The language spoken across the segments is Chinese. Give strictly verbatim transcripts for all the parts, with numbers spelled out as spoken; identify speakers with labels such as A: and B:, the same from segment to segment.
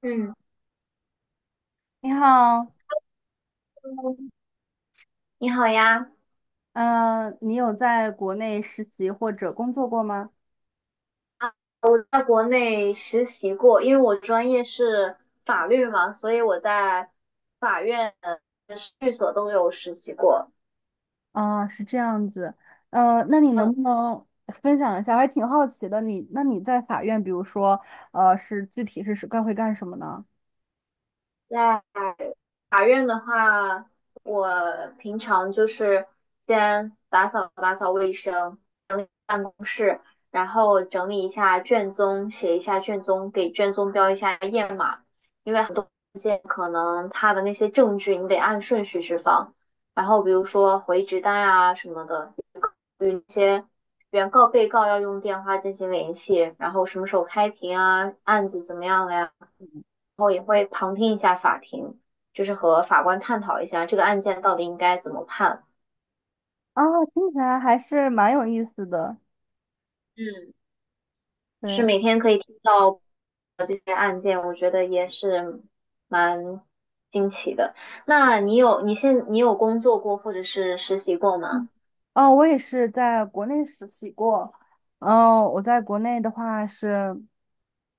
A: 嗯，
B: 你好，
A: 你好呀。
B: 呃，你有在国内实习或者工作过吗？
A: 啊，我在国内实习过，因为我专业是法律嘛，所以我在法院、呃事务所都有实习过。
B: 啊，是这样子，呃，那你
A: 嗯，
B: 能不能分享一下？我还挺好奇的，你那你在法院，比如说，呃，是具体是是干会干什么呢？
A: 在法院的话，我平常就是先打扫打扫卫生，整理办公室，然后整理一下卷宗，写一下卷宗，给卷宗标一下页码，因为很多文件可能它的那些证据你得按顺序去放，然后比如说回执单啊什么的，有一些原告被告要用电话进行联系，然后什么时候开庭啊，案子怎么样了呀？然后也会旁听一下法庭，就是和法官探讨一下这个案件到底应该怎么判。
B: 啊，听起来还是蛮有意思的，
A: 嗯，就是
B: 对。
A: 每天可以听到这些案件，我觉得也是蛮惊奇的。那你有你现你有工作过或者是实习过吗？
B: 嗯哦，我也是在国内实习过。嗯、我在国内的话是，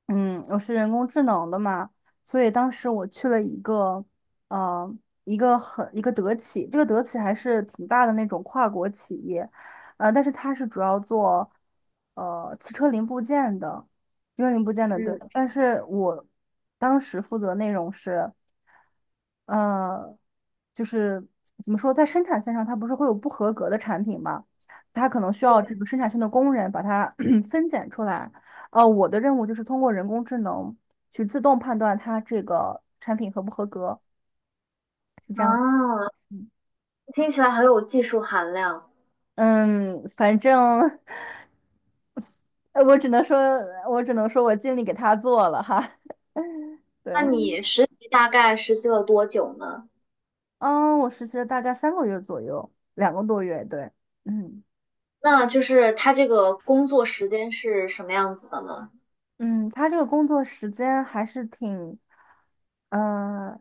B: 嗯，我是人工智能的嘛，所以当时我去了一个，呃，一个很一个德企，这个德企还是挺大的那种跨国企业，呃，但是它是主要做，呃，汽车零部件的，汽车零部件的，对。
A: 嗯，
B: 但是我当时负责内容是，呃，就是怎么说，在生产线上它不是会有不合格的产品嘛，它可能需要这
A: 对。
B: 个生产线的工人把它 分拣出来。哦，我的任务就是通过人工智能去自动判断它这个产品合不合格，是这样。
A: 啊，
B: 嗯，
A: 听起来很有技术含量。
B: 嗯反正 呃我只能说，我只能说我尽力给他做了哈。
A: 那
B: 对，
A: 嗯你实习大概实习了多久呢？
B: 嗯，我实习了大概三个月左右，两个多月，对，嗯。
A: 那就是他这个工作时间是什么样子的呢？
B: 嗯，他这个工作时间还是挺，呃，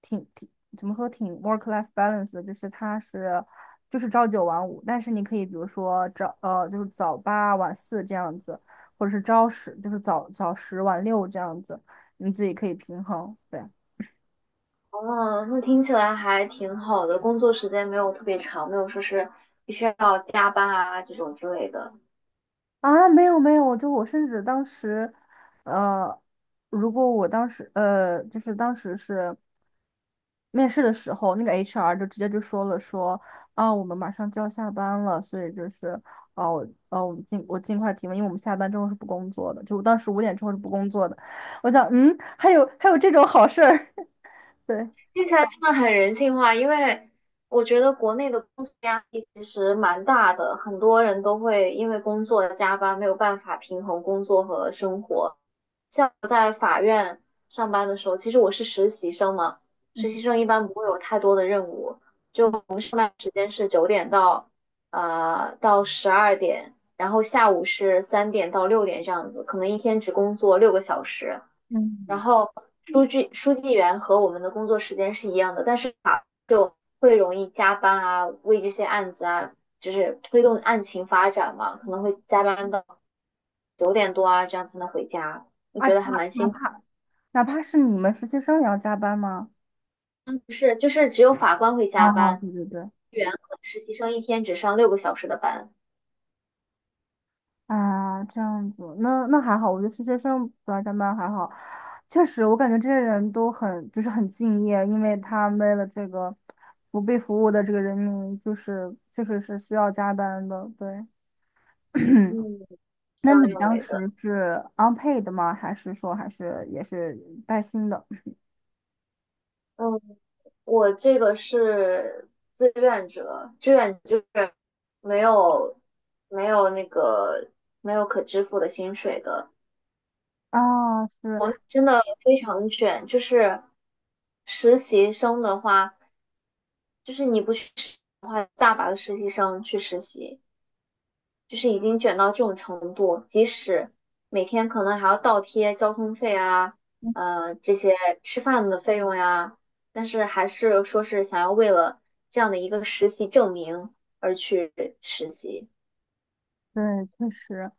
B: 挺挺怎么说，挺 work-life balance 的，就是他是就是朝九晚五，但是你可以比如说早呃就是早八晚四这样子，或者是朝十就是早早十晚六这样子，你自己可以平衡。对。
A: 哦，那听起来还挺好的，工作时间没有特别长，没有说是必须要加班啊这种之类的。
B: 啊，没有没有，我就我甚至当时，呃，如果我当时呃，就是当时是面试的时候，那个 H R 就直接就说了说，啊，我们马上就要下班了，所以就是，哦、哦，啊我们尽我尽快提问，因为我们下班之后是不工作的，就当时五点之后是不工作的。我想，嗯，还有还有这种好事儿，对，
A: 听起来真的很人性化。因为我觉得国内的工作压力其实蛮大的，很多人都会因为工作加班，没有办法平衡工作和生活。上班的时候，其实我是实习生嘛，实习生一般不会有太多的任务，就我们上班时间是九点到呃到十二点，然后下午是三点到六点这样子，可能一天只工作六个小时。然
B: 嗯，
A: 后书记书记员和我们的工作时间是一样的，但是他会容易加班啊，为这些案子啊，就是推动案情发展嘛，可能会加班到九点多啊，这样才能回家，我
B: 啊，
A: 觉得还
B: 哪
A: 蛮
B: 哪
A: 辛苦。
B: 怕哪怕是你们实习生也要加班吗？
A: 嗯，不是，就是只有法官会
B: 哦，
A: 加班。
B: 对对对。
A: 员和实习生一天只上六个小时的班。
B: 啊，这样子，那那还好，我觉得实习生不来加班还好。确实，我感觉这些人都很就是很敬业，因为他为了这个不被服务的这个人民，就是确实是需要加班的。对，
A: 嗯，
B: 那
A: 这样
B: 你
A: 认
B: 当
A: 为的。
B: 时是 unpaid 吗？还是说还是也是带薪的？
A: 嗯，我这个是志愿者，志愿就是没有没有那个没有可支付的薪水的。
B: 啊，是，
A: 真的非常卷。就是实习生的话，就是你不去实习的话，大把的实习生去实习。就是已经卷到这种程度，即使每天可能还要倒贴交通费啊，呃，这些吃饭的费用呀，但是还是说是想要为了这样的一个实习证明而去实习。
B: 对，确实，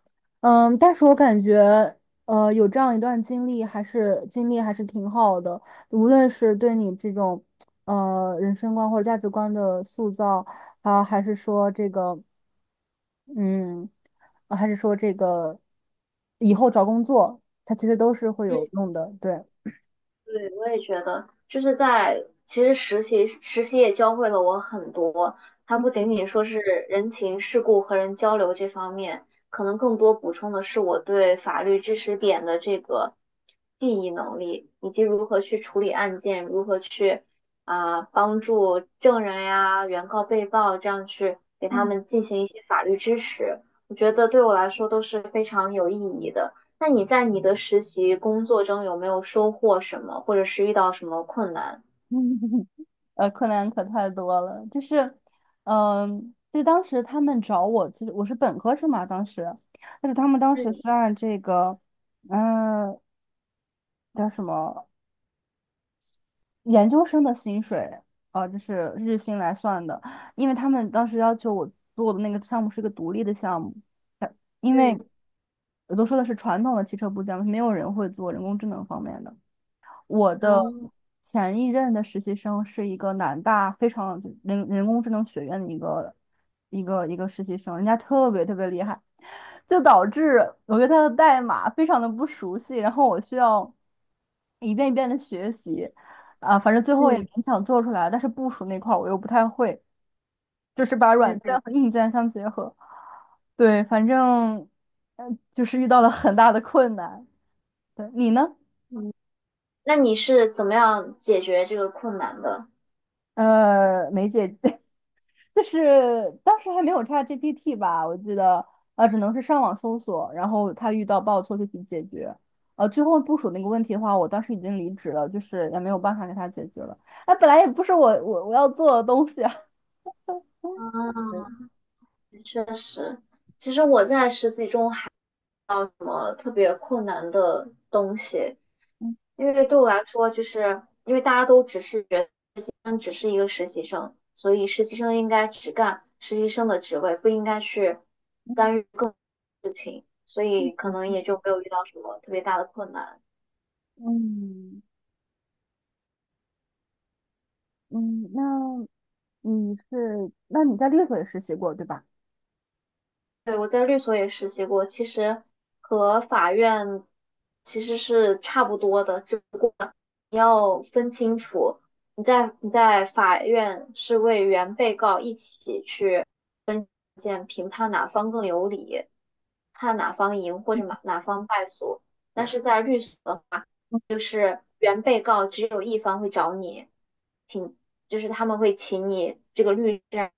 B: 嗯，但是我感觉，呃，有这样一段经历，还是经历还是挺好的。无论是对你这种，呃，人生观或者价值观的塑造，啊，还是说这个，嗯，呃还是说这个，以后找工作，它其实都是会
A: 嗯，
B: 有用的。对，
A: 对，我也觉得，就是在其实实习实习也教会了我很多。它不
B: 嗯
A: 仅仅说是人情世故和人交流这方面，可能更多补充的是我对法律知识点的这个记忆能力，以及如何去处理案件，如何去啊、帮助证人呀、原告、被告这样去给他
B: 嗯
A: 们进行一些法律支持。我觉得对我来说都是非常有意义的。那你在你的实习工作中有没有收获什么，或者是遇到什么困难？
B: 嗯，呃，困难可太多了，就是，嗯、就当时他们找我，其实我是本科生嘛，当时，但是他们当时是
A: 嗯
B: 按这个，嗯、叫什么研究生的薪水，呃，就是日薪来算的，因为他们当时要求我做的那个项目是个独立的项目，因为
A: 嗯
B: 我都说的是传统的汽车部件，没有人会做人工智能方面的。我的
A: 嗯，
B: 前一任的实习生是一个南大非常人人工智能学院的一个一个一个实习生，人家特别特别厉害，就导致我对他的代码非常的不熟悉，然后我需要一遍一遍的学习，啊，反正最后也
A: 嗯
B: 勉强做出来，但是部署那块儿我又不太会，就是把软件
A: 嗯
B: 和硬件相结合，对，反正嗯，就是遇到了很大的困难。对，你呢？
A: 嗯。那你是怎么样解决这个困难的？
B: 呃，梅姐，就是当时还没有 ChatGPT 吧，我记得，呃，只能是上网搜索，然后他遇到报错就去解决。呃，最后部署那个问题的话，我当时已经离职了，就是也没有办法给他解决了。哎，本来也不是我我我要做的东西啊。
A: 啊，确实，其实我在实习中还遇到什么特别困难的东西，因为对我来说，就是因为大家都只是人，只是一个实习生，所以实习生应该只干实习生的职位，不应该去干预。所
B: 对
A: 以
B: 嗯
A: 可
B: 嗯，
A: 能
B: 确实
A: 也就
B: 是
A: 没有遇到什么特别大的困难。
B: 嗯嗯，那你是，那你在猎头也实习过，对吧？
A: 对，我在律所也实习过，其实和法院其实是差不多的，只不过你要分清楚，你在你在法院是为原被告一起去见评判哪方更有理，判哪方赢或者哪哪方败诉，但是在律所就是原被告只有一方会找你，请就是他们会请你这个律师啊。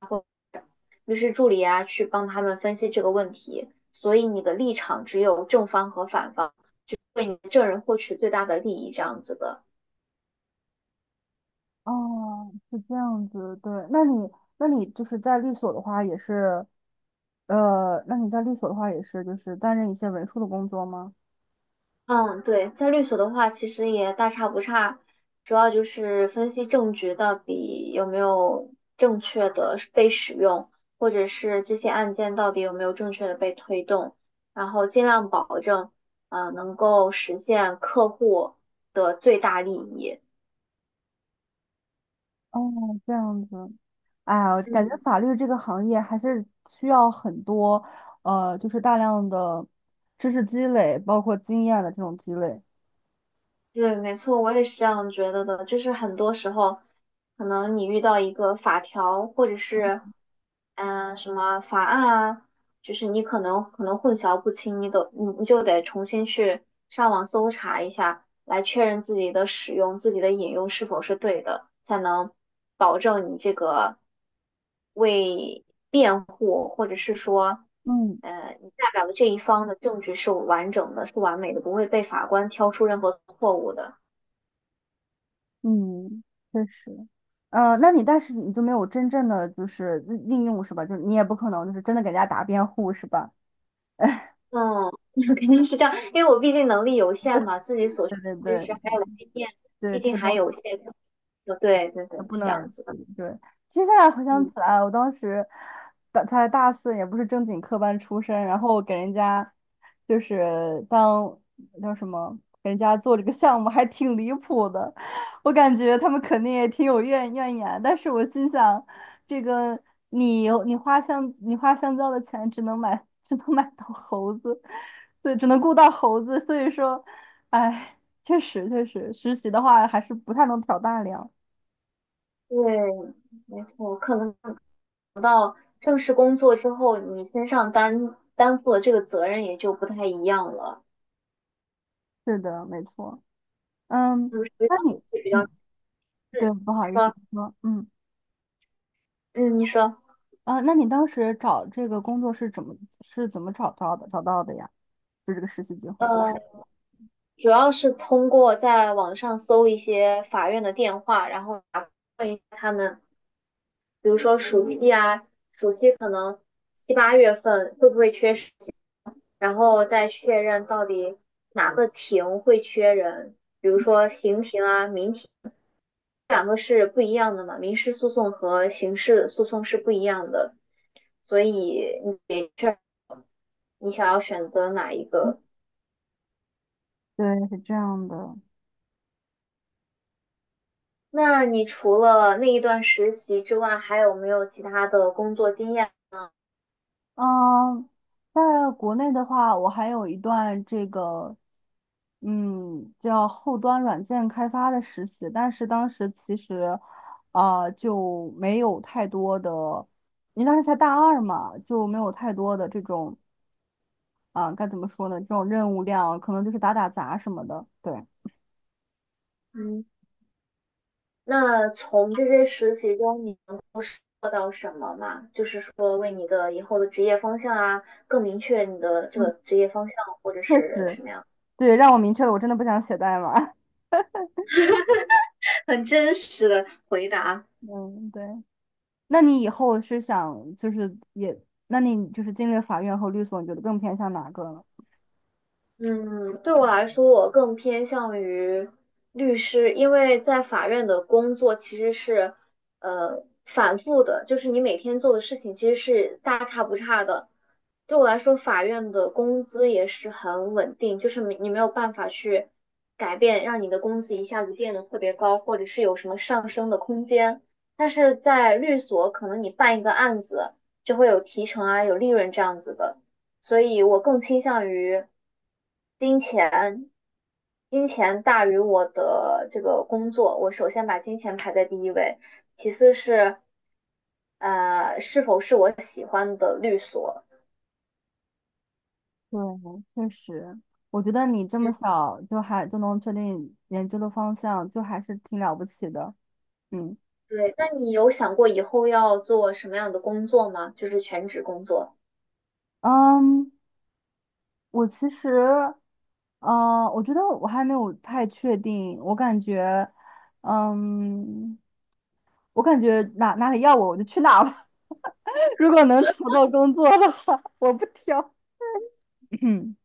A: 律师助理啊去帮他们分析这个问题。所以你的立场只有正方和反方，为你的证人获取最大的利益这样子的。
B: 哦，是这样子，对。那你，那你就是在律所的话，也是，呃，那你在律所的话，也是就是担任一些文书的工作吗？
A: 嗯，对，在律所的话，其实也大差不差，主要就是分析证据到底有没有正确的被使用，或者是这些案件到底有没有正确的被推动，然后尽量保证，啊，能够实现客户的最大利益。
B: 哦，这样子。哎呀，我感觉
A: 嗯。
B: 法律这个行业还是需要很多，呃，就是大量的知识积累，包括经验的这种积累。
A: 对，没错，我也是这样觉得的。就是很多时候，可能你遇到一个法条，或者是嗯、呃什么法案啊，就是你可能可能混淆不清，你都你你就得重新去上网搜查一下。来确认自己的使用、自己的引用是否是对的，才能保证你这个为辩护，或者是说，
B: 嗯
A: 呃，你代表的这一方的证据是完整的、是完美的，不会被法官挑出任何错误的。
B: 嗯，确实。呃，那你但是你就没有真正的就是应用是吧？就是你也不可能就是真的给人家打辩护是吧？
A: 嗯，肯定是这样，因为我毕竟能力有限嘛，自己所学
B: 对对
A: 的知
B: 对。
A: 识还有经验，
B: 对，
A: 毕
B: 这
A: 竟
B: 个
A: 还
B: 东
A: 有
B: 西。
A: 限。对对对，
B: 不
A: 是
B: 能
A: 这
B: 而
A: 样子的。
B: 去。对，其实现在回想起
A: 嗯，
B: 来，我当时大才大四，也不是正经科班出身，然后给人家就是当叫什么，给人家做这个项目还挺离谱的。我感觉他们肯定也挺有怨怨言，但是我心想，这个你你花香你花香蕉的钱只能买只能买到猴子，对，只能雇到猴子，所以说，哎，确实确实，实习的话还是不太能挑大梁。
A: 对，没错，可能正式工作之后，你身上担担负的这个责任也就不太一样了，
B: 是的，没错。嗯，
A: 就是
B: 那你，
A: 比较
B: 嗯，对，
A: 是
B: 不
A: 你
B: 好意思
A: 说，
B: 你说，嗯，
A: 嗯，你说。
B: 啊，那你当时找这个工作是怎么是怎么找到的？找到的呀，就这个实习机会。
A: 呃，主要是通过在网上搜一些法院的电话，然后打问一下他们，比如说暑期啊，暑期可能七八月份会不会缺实习，然后再确认到底哪个庭会缺人，比如说刑庭啊、民庭两个是不一样的嘛，民事诉讼和刑事诉讼是不一样的，所以你你想要选择哪一个？
B: 对，是这样的。
A: 那你除了那一段实习之外，还有没有其他的工作经验？
B: 嗯，在国内的话，我还有一段这个，嗯，叫后端软件开发的实习，但是当时其实，啊、就没有太多的，因为当时才大二嘛，就没有太多的这种。啊，该怎么说呢？这种任务量可能就是打打杂什么的。对，
A: 嗯，那从这些实习中，你能做到什么嘛？就是说，为你的以后的职业方向啊，更明确你的这
B: 嗯，
A: 个职业方向，或者
B: 确
A: 是
B: 实，
A: 什么样？
B: 对，让我明确了，我真的不想写代码。
A: 很真实的回答。
B: 嗯，对。那你以后是想就是也，那你就是进了法院和律所，你觉得更偏向哪个呢？
A: 嗯，对我来说，我更偏向于律师，因为在法院的工作其实是，呃，反复的，就是你每天做的事情其实是大差不差的。对我来说，法院的工资也是很稳定，就是没你没有办法去改变，让你的工资一下子变得特别高，或者是有什么上升的空间。但是在律所，可能你办一个案子就会有提成啊，有利润这样子的。所以我更倾向于金钱，金钱大于我的这个工作，我首先把金钱排在第一位，其次是呃是否是我喜欢的律所。
B: 对，确实，我觉得你这么
A: 嗯，
B: 小就还就能确定研究的方向，就还是挺了不起的。嗯
A: 对，那你有想过以后要做什么样的工作吗？就是全职工作。
B: 嗯，我其实，嗯、我觉得我还没有太确定，我感觉，嗯。我感觉哪哪里要我，我就去哪吧。如果能找到工作的话，我不挑。嗯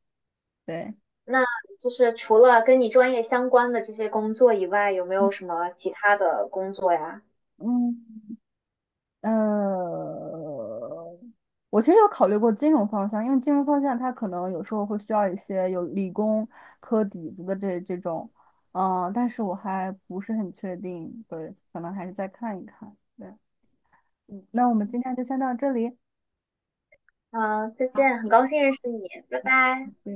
B: 对，
A: 那就是除了跟你专业相关的这些工作以外，有没有什么其他的工作呀？
B: 嗯，呃，我其实有考虑过金融方向，因为金融方向它可能有时候会需要一些有理工科底子的这这种，嗯、但是我还不是很确定，对，可能还是再看一看。对，嗯，那我们今天就先到这里。
A: 嗯，再见，很高兴认识你，拜拜。